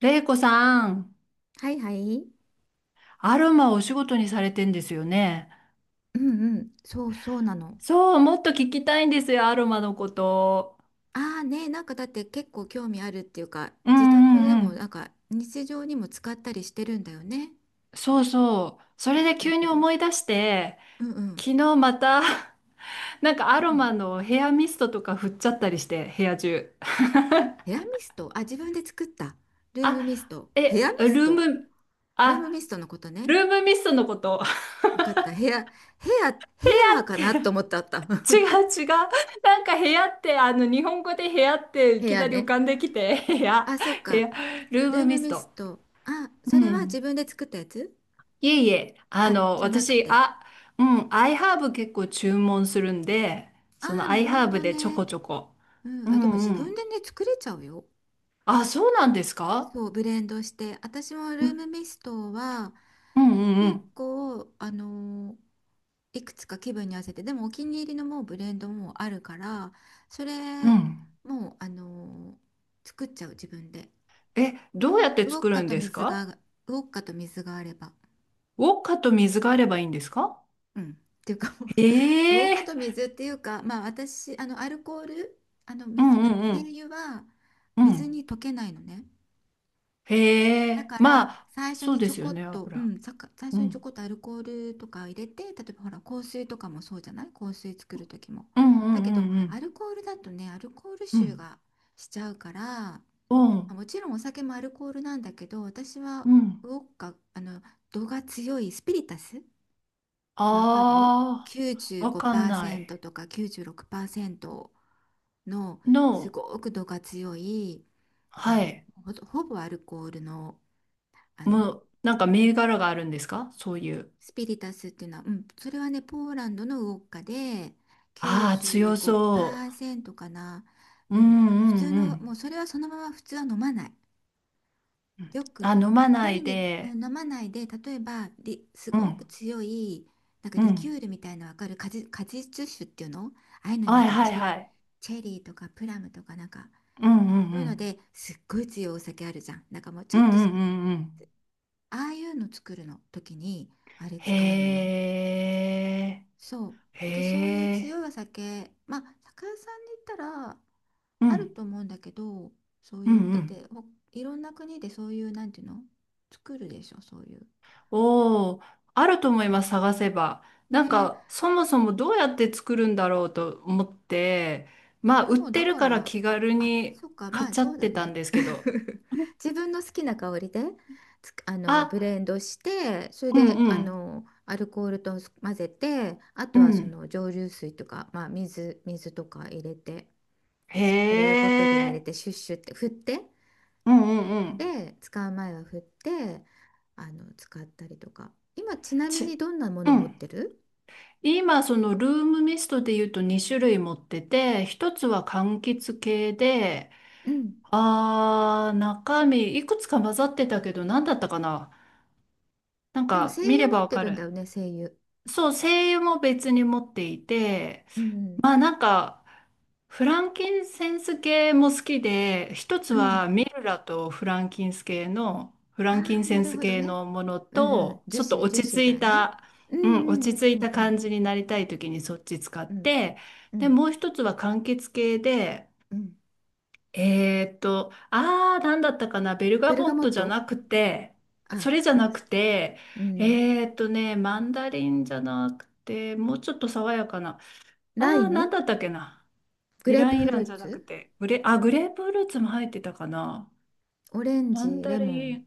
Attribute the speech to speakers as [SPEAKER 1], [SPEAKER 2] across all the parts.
[SPEAKER 1] れいこさん、
[SPEAKER 2] はいはい。
[SPEAKER 1] アロマをお仕事にされてんですよね。
[SPEAKER 2] うんうん。そうそうなの。
[SPEAKER 1] そう、もっと聞きたいんですよ、アロマのこと。
[SPEAKER 2] ああね、なんかだって結構興味あるっていうか、
[SPEAKER 1] うん
[SPEAKER 2] 自宅
[SPEAKER 1] う
[SPEAKER 2] で
[SPEAKER 1] んう
[SPEAKER 2] もな
[SPEAKER 1] ん。
[SPEAKER 2] んか日常にも使ったりしてるんだよね。
[SPEAKER 1] そうそう。それ
[SPEAKER 2] 何
[SPEAKER 1] で
[SPEAKER 2] 持っ
[SPEAKER 1] 急
[SPEAKER 2] て
[SPEAKER 1] に
[SPEAKER 2] る？
[SPEAKER 1] 思い出して、
[SPEAKER 2] うんうん。
[SPEAKER 1] 昨日また、なんかア
[SPEAKER 2] う
[SPEAKER 1] ロ
[SPEAKER 2] ん。
[SPEAKER 1] マのヘアミストとか振っちゃったりして、部屋中。
[SPEAKER 2] ヘアミスト。あ、自分で作った。ルー
[SPEAKER 1] あ、
[SPEAKER 2] ムミスト。ヘア
[SPEAKER 1] え、
[SPEAKER 2] ミ
[SPEAKER 1] ル
[SPEAKER 2] ス
[SPEAKER 1] ー
[SPEAKER 2] ト。
[SPEAKER 1] ム、
[SPEAKER 2] ルームミ
[SPEAKER 1] あ、
[SPEAKER 2] ストのことね。
[SPEAKER 1] ルームミストのこと。
[SPEAKER 2] わかった。ヘア、ヘ ア
[SPEAKER 1] っ
[SPEAKER 2] かなと
[SPEAKER 1] て
[SPEAKER 2] 思ったあった。
[SPEAKER 1] 違う違う。なんか部屋って、日本語で部屋って いき
[SPEAKER 2] ヘア
[SPEAKER 1] なり浮
[SPEAKER 2] ね。
[SPEAKER 1] かんできて、部屋、
[SPEAKER 2] あ、そっ
[SPEAKER 1] 部
[SPEAKER 2] か。
[SPEAKER 1] 屋、ルー
[SPEAKER 2] ル
[SPEAKER 1] ム
[SPEAKER 2] ーム
[SPEAKER 1] ミス
[SPEAKER 2] ミス
[SPEAKER 1] ト。
[SPEAKER 2] ト。あ、
[SPEAKER 1] う
[SPEAKER 2] それは
[SPEAKER 1] ん。
[SPEAKER 2] 自分で作ったやつ？
[SPEAKER 1] いえいえ、
[SPEAKER 2] あ、じゃなく
[SPEAKER 1] 私、
[SPEAKER 2] て。
[SPEAKER 1] あ、うん、アイハーブ結構注文するんで、そ
[SPEAKER 2] ああ、
[SPEAKER 1] のア
[SPEAKER 2] な
[SPEAKER 1] イ
[SPEAKER 2] る
[SPEAKER 1] ハ
[SPEAKER 2] ほ
[SPEAKER 1] ーブ
[SPEAKER 2] ど
[SPEAKER 1] でちょ
[SPEAKER 2] ね。
[SPEAKER 1] こちょこ。
[SPEAKER 2] う
[SPEAKER 1] う
[SPEAKER 2] ん、あ、でも
[SPEAKER 1] ん
[SPEAKER 2] 自
[SPEAKER 1] う
[SPEAKER 2] 分
[SPEAKER 1] ん。
[SPEAKER 2] でね、作れちゃうよ。
[SPEAKER 1] あ、そうなんですか？
[SPEAKER 2] そう、ブレンドして。私もル
[SPEAKER 1] んう
[SPEAKER 2] ーム
[SPEAKER 1] ん
[SPEAKER 2] ミストは
[SPEAKER 1] う
[SPEAKER 2] 結
[SPEAKER 1] ん
[SPEAKER 2] 構、いくつか気分に合わせて、でもお気に入りのもうブレンドもうあるから、そ
[SPEAKER 1] う
[SPEAKER 2] れ、
[SPEAKER 1] ん。うん。
[SPEAKER 2] もう、作っちゃう、自分で。
[SPEAKER 1] え、
[SPEAKER 2] う、
[SPEAKER 1] どう
[SPEAKER 2] ウォ
[SPEAKER 1] やって作
[SPEAKER 2] ッ
[SPEAKER 1] る
[SPEAKER 2] カ
[SPEAKER 1] ん
[SPEAKER 2] と
[SPEAKER 1] です
[SPEAKER 2] 水
[SPEAKER 1] か？
[SPEAKER 2] が、ウォッカと水があれば。
[SPEAKER 1] ウォッカと水があればいいんですか？
[SPEAKER 2] うん。っていうかもう、ウォッ
[SPEAKER 1] へ
[SPEAKER 2] カと
[SPEAKER 1] え。
[SPEAKER 2] 水っていうか、まあ私、アルコール、
[SPEAKER 1] う
[SPEAKER 2] 水、
[SPEAKER 1] んう
[SPEAKER 2] 精
[SPEAKER 1] ん
[SPEAKER 2] 油は
[SPEAKER 1] うん。う
[SPEAKER 2] 水
[SPEAKER 1] ん。
[SPEAKER 2] に溶けないのね。
[SPEAKER 1] へ
[SPEAKER 2] だ
[SPEAKER 1] え。
[SPEAKER 2] から
[SPEAKER 1] まあ、
[SPEAKER 2] 最初
[SPEAKER 1] そう
[SPEAKER 2] に
[SPEAKER 1] で
[SPEAKER 2] ちょ
[SPEAKER 1] す
[SPEAKER 2] こ
[SPEAKER 1] よ
[SPEAKER 2] っ
[SPEAKER 1] ね、
[SPEAKER 2] と、う
[SPEAKER 1] 油。
[SPEAKER 2] ん、最
[SPEAKER 1] う
[SPEAKER 2] 初にちょ
[SPEAKER 1] ん。
[SPEAKER 2] こっとアルコールとかを入れて、例えばほら香水とかもそうじゃない？香水作る時も。
[SPEAKER 1] うんうん
[SPEAKER 2] だけ
[SPEAKER 1] う
[SPEAKER 2] ど
[SPEAKER 1] んう
[SPEAKER 2] ア
[SPEAKER 1] ん。
[SPEAKER 2] ルコールだとね、アルコール
[SPEAKER 1] う
[SPEAKER 2] 臭
[SPEAKER 1] ん。
[SPEAKER 2] がしちゃうから、ま
[SPEAKER 1] う
[SPEAKER 2] あ
[SPEAKER 1] ん。
[SPEAKER 2] もちろんお酒もアルコールなんだけど、私
[SPEAKER 1] う
[SPEAKER 2] は
[SPEAKER 1] ん。
[SPEAKER 2] ウォッカ、度が強いスピリタス、わかる？
[SPEAKER 1] ああ、わかんない。
[SPEAKER 2] 95% とか96%の、す
[SPEAKER 1] No。
[SPEAKER 2] ごく度が強い、あ
[SPEAKER 1] は
[SPEAKER 2] の
[SPEAKER 1] い。
[SPEAKER 2] ほぼアルコールの、あの
[SPEAKER 1] もう、なんか銘柄があるんですか、そういう？
[SPEAKER 2] スピリタスっていうのは、うん、それはね、ポーランドのウォッカで
[SPEAKER 1] ああ、強そ
[SPEAKER 2] 95%かな。
[SPEAKER 1] う。う
[SPEAKER 2] うん、
[SPEAKER 1] んう
[SPEAKER 2] 普通
[SPEAKER 1] んう
[SPEAKER 2] の、
[SPEAKER 1] ん。
[SPEAKER 2] もうそれはそのまま普通は飲まない。
[SPEAKER 1] うん
[SPEAKER 2] よく
[SPEAKER 1] あ、飲まな
[SPEAKER 2] 何
[SPEAKER 1] い
[SPEAKER 2] に、う
[SPEAKER 1] で。
[SPEAKER 2] ん、飲まないで、例えばす
[SPEAKER 1] う
[SPEAKER 2] ご
[SPEAKER 1] ん、
[SPEAKER 2] く強い、なんか
[SPEAKER 1] う
[SPEAKER 2] リキュ
[SPEAKER 1] ん。
[SPEAKER 2] ールみたいなの、わかる？果実酒っていうの、ああいうのになん
[SPEAKER 1] はい
[SPEAKER 2] か
[SPEAKER 1] はいはい。
[SPEAKER 2] チェリーとかプラムとかなんか、
[SPEAKER 1] うん
[SPEAKER 2] そうい
[SPEAKER 1] う
[SPEAKER 2] うの
[SPEAKER 1] ん
[SPEAKER 2] ですっごい強いお酒あるじゃん。なんかもうち
[SPEAKER 1] う
[SPEAKER 2] ょっ
[SPEAKER 1] ん。う
[SPEAKER 2] とし
[SPEAKER 1] んうん
[SPEAKER 2] か
[SPEAKER 1] う
[SPEAKER 2] ない。
[SPEAKER 1] んうん。
[SPEAKER 2] ああいうの作るの時に、あれ
[SPEAKER 1] へ
[SPEAKER 2] 使うのよ。
[SPEAKER 1] え、
[SPEAKER 2] そう。
[SPEAKER 1] へ
[SPEAKER 2] だけどそういう強
[SPEAKER 1] え。
[SPEAKER 2] いお酒、まあ、酒屋さんに行ったら
[SPEAKER 1] う
[SPEAKER 2] ある
[SPEAKER 1] ん、
[SPEAKER 2] と思うんだけど、そう
[SPEAKER 1] う
[SPEAKER 2] い
[SPEAKER 1] ん
[SPEAKER 2] うの。
[SPEAKER 1] う
[SPEAKER 2] だっ
[SPEAKER 1] ん。
[SPEAKER 2] て、いろんな国でそういう、なんていうの？作るでしょ、そういう。
[SPEAKER 1] おー、あると
[SPEAKER 2] なん
[SPEAKER 1] 思いま
[SPEAKER 2] か。
[SPEAKER 1] す、探せば。なん
[SPEAKER 2] ね。
[SPEAKER 1] か、そもそもどうやって作るんだろうと思って、ま
[SPEAKER 2] い
[SPEAKER 1] あ、
[SPEAKER 2] や、
[SPEAKER 1] 売っ
[SPEAKER 2] もうだ
[SPEAKER 1] てる
[SPEAKER 2] か
[SPEAKER 1] から
[SPEAKER 2] ら、
[SPEAKER 1] 気軽
[SPEAKER 2] あ、
[SPEAKER 1] に
[SPEAKER 2] そっか、ま
[SPEAKER 1] 買っ
[SPEAKER 2] あ、
[SPEAKER 1] ちゃ
[SPEAKER 2] そ
[SPEAKER 1] っ
[SPEAKER 2] うだ
[SPEAKER 1] てたん
[SPEAKER 2] ね。
[SPEAKER 1] ですけど。
[SPEAKER 2] 自分の好きな香りで、つくあの、
[SPEAKER 1] あ、
[SPEAKER 2] ブレンドして、それ
[SPEAKER 1] うん
[SPEAKER 2] で、
[SPEAKER 1] うん。
[SPEAKER 2] アルコールと混ぜて、あ
[SPEAKER 1] う
[SPEAKER 2] とはそ
[SPEAKER 1] ん。
[SPEAKER 2] の蒸留水とか、まあ、水とか入れて。スプ
[SPEAKER 1] へ
[SPEAKER 2] レーボトルに入れ
[SPEAKER 1] え。
[SPEAKER 2] てシュッシュって振って、
[SPEAKER 1] うんうんうん。
[SPEAKER 2] で使う前は振って、使ったりとか。今ちなみに
[SPEAKER 1] ち、
[SPEAKER 2] どんなも
[SPEAKER 1] う
[SPEAKER 2] の持っ
[SPEAKER 1] ん。
[SPEAKER 2] てる？
[SPEAKER 1] 今、そのルームミストで言うと2種類持ってて、一つは柑橘系で、
[SPEAKER 2] うん。
[SPEAKER 1] 中身いくつか混ざってたけど、何だったかな。なん
[SPEAKER 2] でも
[SPEAKER 1] か
[SPEAKER 2] 精
[SPEAKER 1] 見
[SPEAKER 2] 油
[SPEAKER 1] れ
[SPEAKER 2] 持
[SPEAKER 1] ば
[SPEAKER 2] っ
[SPEAKER 1] わ
[SPEAKER 2] て
[SPEAKER 1] か
[SPEAKER 2] るんだ
[SPEAKER 1] る。
[SPEAKER 2] よね、精油。
[SPEAKER 1] そう、精油も別に持っていて、
[SPEAKER 2] うん
[SPEAKER 1] まあなんか、フランキンセンス系も好きで、一つ
[SPEAKER 2] うんうん。
[SPEAKER 1] はミルラとフランキンス系の、フ
[SPEAKER 2] あ
[SPEAKER 1] ランキン
[SPEAKER 2] あー、
[SPEAKER 1] セ
[SPEAKER 2] な
[SPEAKER 1] ン
[SPEAKER 2] る
[SPEAKER 1] ス
[SPEAKER 2] ほど
[SPEAKER 1] 系
[SPEAKER 2] ね。
[SPEAKER 1] のもの
[SPEAKER 2] うんうん。
[SPEAKER 1] と、
[SPEAKER 2] 樹
[SPEAKER 1] ちょっと
[SPEAKER 2] 脂、樹
[SPEAKER 1] 落ち
[SPEAKER 2] 脂
[SPEAKER 1] 着
[SPEAKER 2] だ
[SPEAKER 1] い
[SPEAKER 2] ね。
[SPEAKER 1] た、
[SPEAKER 2] うんう
[SPEAKER 1] うん、落ち
[SPEAKER 2] ん
[SPEAKER 1] 着
[SPEAKER 2] う
[SPEAKER 1] い
[SPEAKER 2] ん
[SPEAKER 1] た
[SPEAKER 2] うん。
[SPEAKER 1] 感じになりたい時にそっち使っ
[SPEAKER 2] うん
[SPEAKER 1] て、
[SPEAKER 2] うんう
[SPEAKER 1] で、
[SPEAKER 2] ん
[SPEAKER 1] もう一つは柑橘系で、
[SPEAKER 2] うん。
[SPEAKER 1] なんだったかな、ベルガ
[SPEAKER 2] ベル
[SPEAKER 1] ボ
[SPEAKER 2] ガ
[SPEAKER 1] ッ
[SPEAKER 2] モ
[SPEAKER 1] ト
[SPEAKER 2] ッ
[SPEAKER 1] じゃ
[SPEAKER 2] ト。
[SPEAKER 1] なくて、それじゃ
[SPEAKER 2] あ。
[SPEAKER 1] なくて、
[SPEAKER 2] うん。
[SPEAKER 1] マンダリンじゃなくて、もうちょっと爽やかな、
[SPEAKER 2] ライ
[SPEAKER 1] なん
[SPEAKER 2] ム。
[SPEAKER 1] だったっけな。
[SPEAKER 2] グ
[SPEAKER 1] イ
[SPEAKER 2] レー
[SPEAKER 1] ラ
[SPEAKER 2] プ
[SPEAKER 1] ンイ
[SPEAKER 2] フ
[SPEAKER 1] ラン
[SPEAKER 2] ル
[SPEAKER 1] じ
[SPEAKER 2] ー
[SPEAKER 1] ゃなく
[SPEAKER 2] ツ。
[SPEAKER 1] て、あ、グレープフルーツも入ってたかな。
[SPEAKER 2] オレン
[SPEAKER 1] マン
[SPEAKER 2] ジ、
[SPEAKER 1] ダ
[SPEAKER 2] レモ
[SPEAKER 1] リ
[SPEAKER 2] ン。
[SPEAKER 1] ン、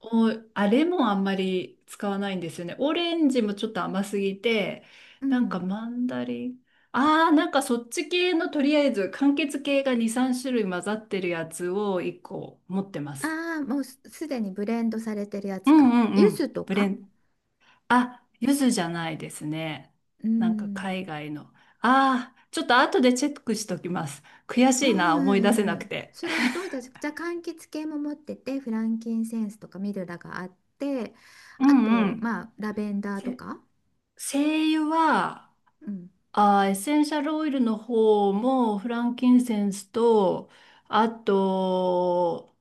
[SPEAKER 1] お、あれもあんまり使わないんですよね。オレンジもちょっと甘すぎて、
[SPEAKER 2] う
[SPEAKER 1] なんか
[SPEAKER 2] ん。
[SPEAKER 1] マンダリン、なんかそっち系のとりあえず、柑橘系が2、3種類混ざってるやつを1個持ってます。
[SPEAKER 2] ああ、もうすでにブレンドされてるや
[SPEAKER 1] う
[SPEAKER 2] つ
[SPEAKER 1] ん
[SPEAKER 2] か？
[SPEAKER 1] うんう
[SPEAKER 2] 柚子
[SPEAKER 1] ん。
[SPEAKER 2] と
[SPEAKER 1] ブレ
[SPEAKER 2] か？
[SPEAKER 1] ン、あ、柚子じゃないですね。
[SPEAKER 2] う
[SPEAKER 1] なんか
[SPEAKER 2] ん。
[SPEAKER 1] 海外の。ちょっと後でチェックしときます。悔
[SPEAKER 2] う
[SPEAKER 1] し
[SPEAKER 2] ん
[SPEAKER 1] いな、思
[SPEAKER 2] うん
[SPEAKER 1] い出せ
[SPEAKER 2] う
[SPEAKER 1] な
[SPEAKER 2] んう
[SPEAKER 1] く
[SPEAKER 2] ん。
[SPEAKER 1] て。
[SPEAKER 2] それと、じゃあ、柑橘系も持ってて、フランキンセンスとかミルラがあって、
[SPEAKER 1] う
[SPEAKER 2] あ
[SPEAKER 1] んう
[SPEAKER 2] と、
[SPEAKER 1] ん。
[SPEAKER 2] まあ、ラベンダーと
[SPEAKER 1] せ
[SPEAKER 2] か。
[SPEAKER 1] 精油は、
[SPEAKER 2] うん。
[SPEAKER 1] エッセンシャルオイルの方もフランキンセンスと、あと、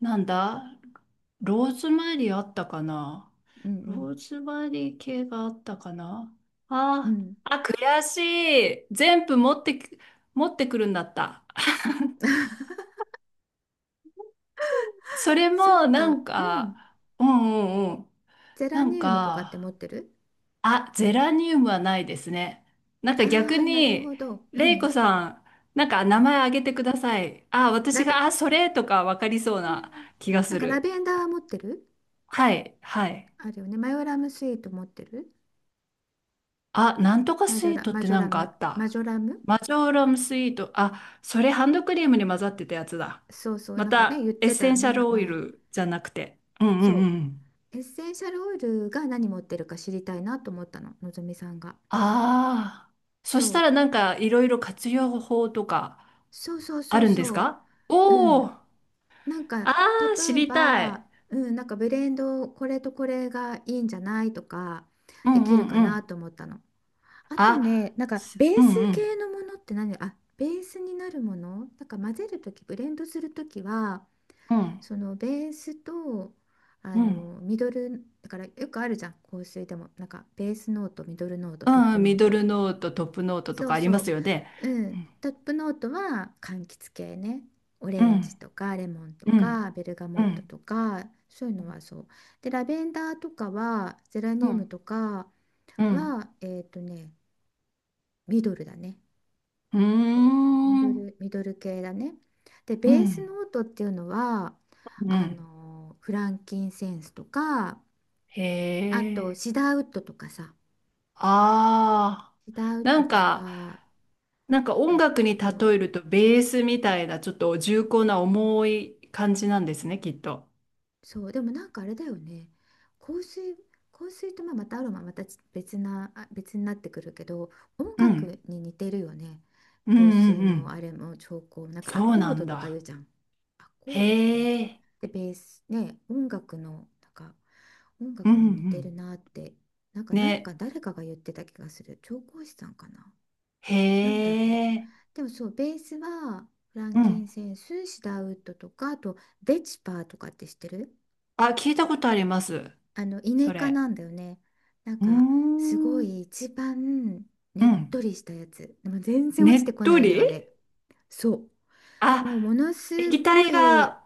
[SPEAKER 1] なんだ、ローズマリーあったかな？
[SPEAKER 2] う
[SPEAKER 1] ロー
[SPEAKER 2] ん
[SPEAKER 1] ズマリー系があったかな？
[SPEAKER 2] うん。うん。
[SPEAKER 1] あ、悔しい。全部持ってき、持ってくるんだった。それ
[SPEAKER 2] そっ
[SPEAKER 1] もな
[SPEAKER 2] か。
[SPEAKER 1] ん
[SPEAKER 2] う
[SPEAKER 1] か、
[SPEAKER 2] ん。
[SPEAKER 1] うんうんうん。
[SPEAKER 2] ゼラ
[SPEAKER 1] なん
[SPEAKER 2] ニウムとかって持
[SPEAKER 1] か、
[SPEAKER 2] ってる？
[SPEAKER 1] あ、ゼラニウムはないですね。なんか
[SPEAKER 2] あ
[SPEAKER 1] 逆
[SPEAKER 2] あー、なる
[SPEAKER 1] に、
[SPEAKER 2] ほど。う
[SPEAKER 1] レイコ
[SPEAKER 2] ん。
[SPEAKER 1] さん、なんか名前あげてください。あ、私
[SPEAKER 2] ラベ、
[SPEAKER 1] が、あ、それとかわかりそう
[SPEAKER 2] う
[SPEAKER 1] な
[SPEAKER 2] ん。
[SPEAKER 1] 気が
[SPEAKER 2] なん
[SPEAKER 1] す
[SPEAKER 2] かラ
[SPEAKER 1] る。
[SPEAKER 2] ベンダー持ってる？
[SPEAKER 1] はい、はい。
[SPEAKER 2] あるよね。マヨラムスイート持ってる？
[SPEAKER 1] あ、なんとかスイートっ
[SPEAKER 2] マ
[SPEAKER 1] て
[SPEAKER 2] ジョ
[SPEAKER 1] な
[SPEAKER 2] ラ
[SPEAKER 1] んかあ
[SPEAKER 2] ム。
[SPEAKER 1] っ
[SPEAKER 2] マ
[SPEAKER 1] た。
[SPEAKER 2] ジョラム。
[SPEAKER 1] マジョーラムスイート。あ、それハンドクリームに混ざってたやつだ。
[SPEAKER 2] そうそう、
[SPEAKER 1] ま
[SPEAKER 2] なんかね、言
[SPEAKER 1] た、
[SPEAKER 2] っ
[SPEAKER 1] エッ
[SPEAKER 2] てた
[SPEAKER 1] セ
[SPEAKER 2] よ
[SPEAKER 1] ンシャ
[SPEAKER 2] ね、
[SPEAKER 1] ルオイ
[SPEAKER 2] 前。
[SPEAKER 1] ルじゃなくて。うんう
[SPEAKER 2] そ
[SPEAKER 1] んう
[SPEAKER 2] う。
[SPEAKER 1] ん。
[SPEAKER 2] エッセンシャルオイルが何持ってるか知りたいなと思ったの、のぞみさんが。
[SPEAKER 1] ああ。そ
[SPEAKER 2] そ
[SPEAKER 1] した
[SPEAKER 2] う。
[SPEAKER 1] らなんかいろいろ活用法とか
[SPEAKER 2] そうそう
[SPEAKER 1] あ
[SPEAKER 2] そう
[SPEAKER 1] るんです
[SPEAKER 2] そう。
[SPEAKER 1] か？
[SPEAKER 2] う
[SPEAKER 1] おお
[SPEAKER 2] ん。
[SPEAKER 1] ー、
[SPEAKER 2] なんか、
[SPEAKER 1] ああ、
[SPEAKER 2] 例
[SPEAKER 1] 知
[SPEAKER 2] え
[SPEAKER 1] りたい。
[SPEAKER 2] ば、うん、なんかブレンド、これとこれがいいんじゃないとか、
[SPEAKER 1] う
[SPEAKER 2] で
[SPEAKER 1] んう
[SPEAKER 2] きるか
[SPEAKER 1] んう
[SPEAKER 2] な
[SPEAKER 1] ん。
[SPEAKER 2] と思ったの。あと
[SPEAKER 1] あ、
[SPEAKER 2] ね、なんか、ベー
[SPEAKER 1] うんう
[SPEAKER 2] ス
[SPEAKER 1] ん
[SPEAKER 2] 系のものって何、あ、ベースになるものなんか混ぜるとき、ブレンドするときは、
[SPEAKER 1] うん
[SPEAKER 2] そのベースとあ
[SPEAKER 1] うん。
[SPEAKER 2] のミドルだからよくあるじゃん、香水でもなんか、ベースノート、ミドルノート、トッ
[SPEAKER 1] う
[SPEAKER 2] プ
[SPEAKER 1] ん、
[SPEAKER 2] ノ
[SPEAKER 1] ミ
[SPEAKER 2] ー
[SPEAKER 1] ド
[SPEAKER 2] ト。
[SPEAKER 1] ルノート、トップノートと
[SPEAKER 2] そ
[SPEAKER 1] か
[SPEAKER 2] う
[SPEAKER 1] あり
[SPEAKER 2] そ
[SPEAKER 1] ま
[SPEAKER 2] う。
[SPEAKER 1] すよね。
[SPEAKER 2] う
[SPEAKER 1] う
[SPEAKER 2] ん、
[SPEAKER 1] ん
[SPEAKER 2] トップノートは柑橘系ね。オ
[SPEAKER 1] う
[SPEAKER 2] レンジ
[SPEAKER 1] ん
[SPEAKER 2] とかレモンと
[SPEAKER 1] うん
[SPEAKER 2] かベルガ
[SPEAKER 1] う
[SPEAKER 2] モット
[SPEAKER 1] ん
[SPEAKER 2] とかそういうのはそう。でラベンダーとかはゼラ
[SPEAKER 1] う
[SPEAKER 2] ニウム
[SPEAKER 1] ん
[SPEAKER 2] とか
[SPEAKER 1] うん
[SPEAKER 2] は、ミドルだね。
[SPEAKER 1] う
[SPEAKER 2] で、
[SPEAKER 1] んうん
[SPEAKER 2] ミドル系だね。で、
[SPEAKER 1] う
[SPEAKER 2] ベース
[SPEAKER 1] ん
[SPEAKER 2] ノートっていうのは、
[SPEAKER 1] うん
[SPEAKER 2] フランキンセンスとか、
[SPEAKER 1] へ
[SPEAKER 2] あと、
[SPEAKER 1] え。
[SPEAKER 2] シダーウッドとかさ。
[SPEAKER 1] ああ。
[SPEAKER 2] シダーウッ
[SPEAKER 1] な
[SPEAKER 2] ド
[SPEAKER 1] ん
[SPEAKER 2] と
[SPEAKER 1] か、
[SPEAKER 2] か、
[SPEAKER 1] なんか音
[SPEAKER 2] あ
[SPEAKER 1] 楽に例
[SPEAKER 2] と、
[SPEAKER 1] えるとベースみたいなちょっと重厚な重い感じなんですね、きっと。
[SPEAKER 2] そう。でもなんかあれだよね、香水香水とまあまたアロマまた別になってくるけど、音
[SPEAKER 1] うん
[SPEAKER 2] 楽に似てるよね。
[SPEAKER 1] うんう
[SPEAKER 2] 香水
[SPEAKER 1] んう
[SPEAKER 2] のあ
[SPEAKER 1] ん。
[SPEAKER 2] れも調香、なんかア
[SPEAKER 1] そう
[SPEAKER 2] コ
[SPEAKER 1] な
[SPEAKER 2] ード
[SPEAKER 1] ん
[SPEAKER 2] とか言
[SPEAKER 1] だ。
[SPEAKER 2] うじゃん、アコードって。
[SPEAKER 1] へえ。
[SPEAKER 2] でベースね、音楽のなんか音
[SPEAKER 1] うんう
[SPEAKER 2] 楽に似てる
[SPEAKER 1] ん。
[SPEAKER 2] なって、なんかなん
[SPEAKER 1] ね。
[SPEAKER 2] か誰かが言ってた気がする。調香師さんかな。なん
[SPEAKER 1] へ
[SPEAKER 2] だろう。
[SPEAKER 1] え。
[SPEAKER 2] でもそうベースはフラ
[SPEAKER 1] う
[SPEAKER 2] ンキン
[SPEAKER 1] ん。
[SPEAKER 2] センス、シダーウッドとか、あとデチパーとかって知ってる？
[SPEAKER 1] あ、聞いたことあります。
[SPEAKER 2] あのイネ
[SPEAKER 1] それ。
[SPEAKER 2] なんだよね、なん
[SPEAKER 1] うー
[SPEAKER 2] か。すご
[SPEAKER 1] ん。
[SPEAKER 2] い一番
[SPEAKER 1] う
[SPEAKER 2] ねっ
[SPEAKER 1] ん。
[SPEAKER 2] とりしたやつでも全然落ちて
[SPEAKER 1] ねっ
[SPEAKER 2] こ
[SPEAKER 1] と
[SPEAKER 2] ないのよ
[SPEAKER 1] り
[SPEAKER 2] あれ。そう。もうも
[SPEAKER 1] あ、
[SPEAKER 2] のす
[SPEAKER 1] 液
[SPEAKER 2] ご
[SPEAKER 1] 体
[SPEAKER 2] い。
[SPEAKER 1] が、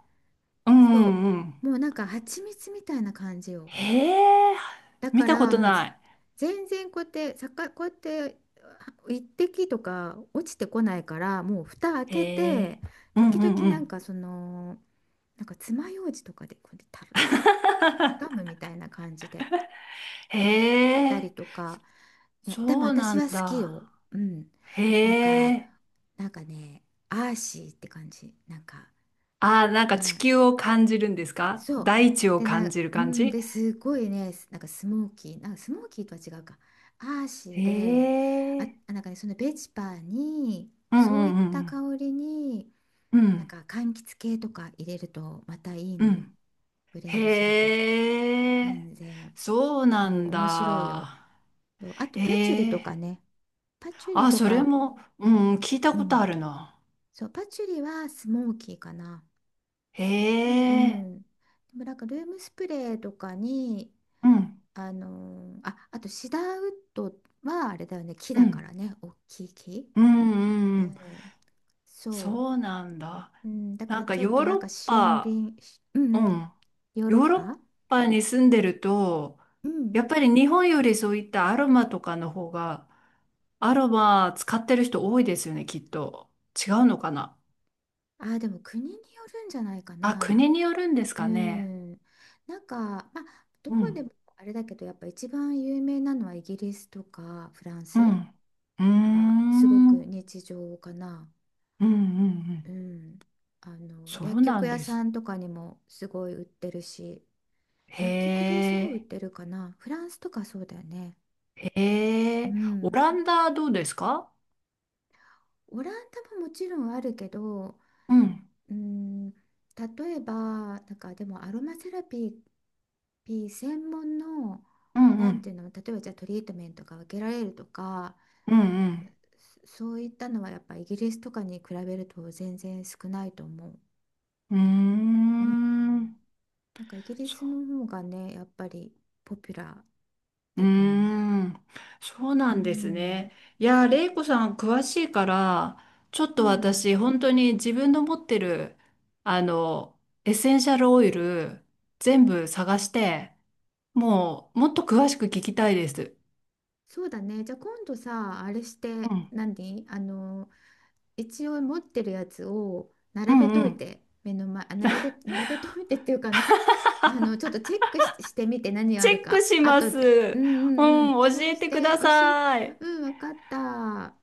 [SPEAKER 1] うんう
[SPEAKER 2] そ
[SPEAKER 1] ん。うん
[SPEAKER 2] う、もうなんか蜂蜜みたいな感じよ。
[SPEAKER 1] へえ。
[SPEAKER 2] だ
[SPEAKER 1] 見
[SPEAKER 2] か
[SPEAKER 1] たこ
[SPEAKER 2] ら
[SPEAKER 1] と
[SPEAKER 2] もう
[SPEAKER 1] な
[SPEAKER 2] 全然こうやってこうやって、あ、一滴とか落ちてこないから、もう蓋開
[SPEAKER 1] い。
[SPEAKER 2] け
[SPEAKER 1] へ
[SPEAKER 2] て
[SPEAKER 1] え。うん
[SPEAKER 2] 時
[SPEAKER 1] うん
[SPEAKER 2] 々
[SPEAKER 1] う
[SPEAKER 2] なん
[SPEAKER 1] ん。
[SPEAKER 2] かその、なんか爪楊枝とかでこうやってたる、ガムみたいな感じで、
[SPEAKER 1] へ
[SPEAKER 2] たり
[SPEAKER 1] え。
[SPEAKER 2] とか。ね、でも
[SPEAKER 1] そうな
[SPEAKER 2] 私は
[SPEAKER 1] ん
[SPEAKER 2] 好き
[SPEAKER 1] だ。
[SPEAKER 2] よ。うん。
[SPEAKER 1] へ
[SPEAKER 2] なんか、
[SPEAKER 1] え。
[SPEAKER 2] なんかね、アーシーって感じ。なんか、
[SPEAKER 1] あ、なんか地
[SPEAKER 2] な、
[SPEAKER 1] 球を感じるんですか？
[SPEAKER 2] そう。
[SPEAKER 1] 大地を
[SPEAKER 2] で、
[SPEAKER 1] 感じる
[SPEAKER 2] う
[SPEAKER 1] 感
[SPEAKER 2] ん、
[SPEAKER 1] じ？
[SPEAKER 2] で、すごいね、なんかスモーキー、なんかスモーキーとは違うか。アーシー
[SPEAKER 1] へ
[SPEAKER 2] で、あ、
[SPEAKER 1] え。
[SPEAKER 2] なんかね、そのベチパーに、
[SPEAKER 1] うんう
[SPEAKER 2] そういっ
[SPEAKER 1] んうん
[SPEAKER 2] た
[SPEAKER 1] うん。
[SPEAKER 2] 香りに、
[SPEAKER 1] う
[SPEAKER 2] なん
[SPEAKER 1] ん、
[SPEAKER 2] か柑橘系とか入れるとまたいい
[SPEAKER 1] う
[SPEAKER 2] のよ。
[SPEAKER 1] ん。
[SPEAKER 2] ブレンドすると。
[SPEAKER 1] へえ、
[SPEAKER 2] 全然。
[SPEAKER 1] そうな
[SPEAKER 2] そう、
[SPEAKER 1] ん
[SPEAKER 2] 面白いよ。
[SPEAKER 1] だ。
[SPEAKER 2] そうあと
[SPEAKER 1] え
[SPEAKER 2] パチュリとか
[SPEAKER 1] え、
[SPEAKER 2] ね。パチュリ
[SPEAKER 1] あ、
[SPEAKER 2] と
[SPEAKER 1] それ
[SPEAKER 2] か、
[SPEAKER 1] も、うん、聞いた
[SPEAKER 2] う
[SPEAKER 1] こと
[SPEAKER 2] ん。
[SPEAKER 1] あるな。
[SPEAKER 2] そう、パチュリはスモーキーかな。
[SPEAKER 1] へ
[SPEAKER 2] うん。う
[SPEAKER 1] え、
[SPEAKER 2] ん。でもなんかルームスプレーとかに、
[SPEAKER 1] うん、
[SPEAKER 2] あ、あとシダーウッドはあれだよね、木
[SPEAKER 1] う
[SPEAKER 2] だか
[SPEAKER 1] ん、
[SPEAKER 2] らね、大きい木。
[SPEAKER 1] うん、う
[SPEAKER 2] う
[SPEAKER 1] んうん、
[SPEAKER 2] ん。そ
[SPEAKER 1] そうなんだ。
[SPEAKER 2] う。うん、だか
[SPEAKER 1] な
[SPEAKER 2] ら
[SPEAKER 1] んか
[SPEAKER 2] ちょっ
[SPEAKER 1] ヨ
[SPEAKER 2] と
[SPEAKER 1] ー
[SPEAKER 2] なん
[SPEAKER 1] ロ
[SPEAKER 2] か
[SPEAKER 1] ッ
[SPEAKER 2] 森
[SPEAKER 1] パ、
[SPEAKER 2] 林、う
[SPEAKER 1] う
[SPEAKER 2] んうん、
[SPEAKER 1] ん、
[SPEAKER 2] ヨーロ
[SPEAKER 1] ヨ
[SPEAKER 2] ッ
[SPEAKER 1] ーロッ
[SPEAKER 2] パ。
[SPEAKER 1] パに住んでると、
[SPEAKER 2] うん。
[SPEAKER 1] やっぱり日本よりそういったアロマとかの方が、アロマ使ってる人多いですよね、きっと。違うのかな。
[SPEAKER 2] あー、でも国によるんじゃないか
[SPEAKER 1] あ、
[SPEAKER 2] な。
[SPEAKER 1] 国によるんです
[SPEAKER 2] う
[SPEAKER 1] かね。
[SPEAKER 2] ん。なんか、まあ、ど
[SPEAKER 1] う
[SPEAKER 2] こで
[SPEAKER 1] ん、
[SPEAKER 2] もあれだけど、やっぱ一番有名なのはイギリスとかフラン
[SPEAKER 1] う
[SPEAKER 2] ス。
[SPEAKER 1] ん、うー
[SPEAKER 2] あ、すご
[SPEAKER 1] ん、う
[SPEAKER 2] く
[SPEAKER 1] ん、
[SPEAKER 2] 日常かな。
[SPEAKER 1] うん、う
[SPEAKER 2] う
[SPEAKER 1] ん。
[SPEAKER 2] ん。あの、
[SPEAKER 1] そ
[SPEAKER 2] 薬
[SPEAKER 1] うな
[SPEAKER 2] 局
[SPEAKER 1] ん
[SPEAKER 2] 屋
[SPEAKER 1] で
[SPEAKER 2] さ
[SPEAKER 1] す。
[SPEAKER 2] んとかにもすごい売ってるし、
[SPEAKER 1] へ
[SPEAKER 2] 薬局ですごい売っ
[SPEAKER 1] え、
[SPEAKER 2] てるかな。フランスとかそうだよね。
[SPEAKER 1] へ
[SPEAKER 2] う
[SPEAKER 1] え、オ
[SPEAKER 2] ん。
[SPEAKER 1] ランダどうですか？
[SPEAKER 2] オランダももちろんあるけど、
[SPEAKER 1] うん、
[SPEAKER 2] うん、例えば、なんかでもアロマセラピー、専門の、
[SPEAKER 1] うん、う
[SPEAKER 2] なんてい
[SPEAKER 1] ん、
[SPEAKER 2] うの、例えばじゃあトリートメントが受けられるとか、
[SPEAKER 1] うん、
[SPEAKER 2] そういったのはやっぱイギリスとかに比べると全然少ないと思う。
[SPEAKER 1] う
[SPEAKER 2] うん。
[SPEAKER 1] ん。うーん、
[SPEAKER 2] なんかイギリス
[SPEAKER 1] そ
[SPEAKER 2] の方がね、やっぱりポピュラー
[SPEAKER 1] う、う
[SPEAKER 2] だ
[SPEAKER 1] ー
[SPEAKER 2] と思う。
[SPEAKER 1] ん、そう
[SPEAKER 2] う
[SPEAKER 1] なんです
[SPEAKER 2] ん。
[SPEAKER 1] ね。いやー、
[SPEAKER 2] そ
[SPEAKER 1] レイ
[SPEAKER 2] う。
[SPEAKER 1] コさん詳しいから、ちょっ
[SPEAKER 2] う
[SPEAKER 1] と
[SPEAKER 2] ん。
[SPEAKER 1] 私、本当に自分の持ってる、あの、エッセンシャルオイル、全部探して、もう、もっと詳しく聞きたいです。
[SPEAKER 2] そうだね。じゃあ今度さ、あれし
[SPEAKER 1] う
[SPEAKER 2] て
[SPEAKER 1] ん、
[SPEAKER 2] 何、一応持ってるやつを
[SPEAKER 1] う
[SPEAKER 2] 並べ
[SPEAKER 1] ん、う
[SPEAKER 2] とい
[SPEAKER 1] ん。
[SPEAKER 2] て、目の前、あ、並べといてっていうか、ちょっとチェックし、してみて何があ
[SPEAKER 1] チェ
[SPEAKER 2] る
[SPEAKER 1] ック
[SPEAKER 2] か、
[SPEAKER 1] しま
[SPEAKER 2] 後
[SPEAKER 1] す。
[SPEAKER 2] で。
[SPEAKER 1] う
[SPEAKER 2] うんうんう
[SPEAKER 1] ん、
[SPEAKER 2] ん。
[SPEAKER 1] 教
[SPEAKER 2] そう
[SPEAKER 1] え
[SPEAKER 2] し
[SPEAKER 1] てく
[SPEAKER 2] て、
[SPEAKER 1] ださい。
[SPEAKER 2] うん、わかった。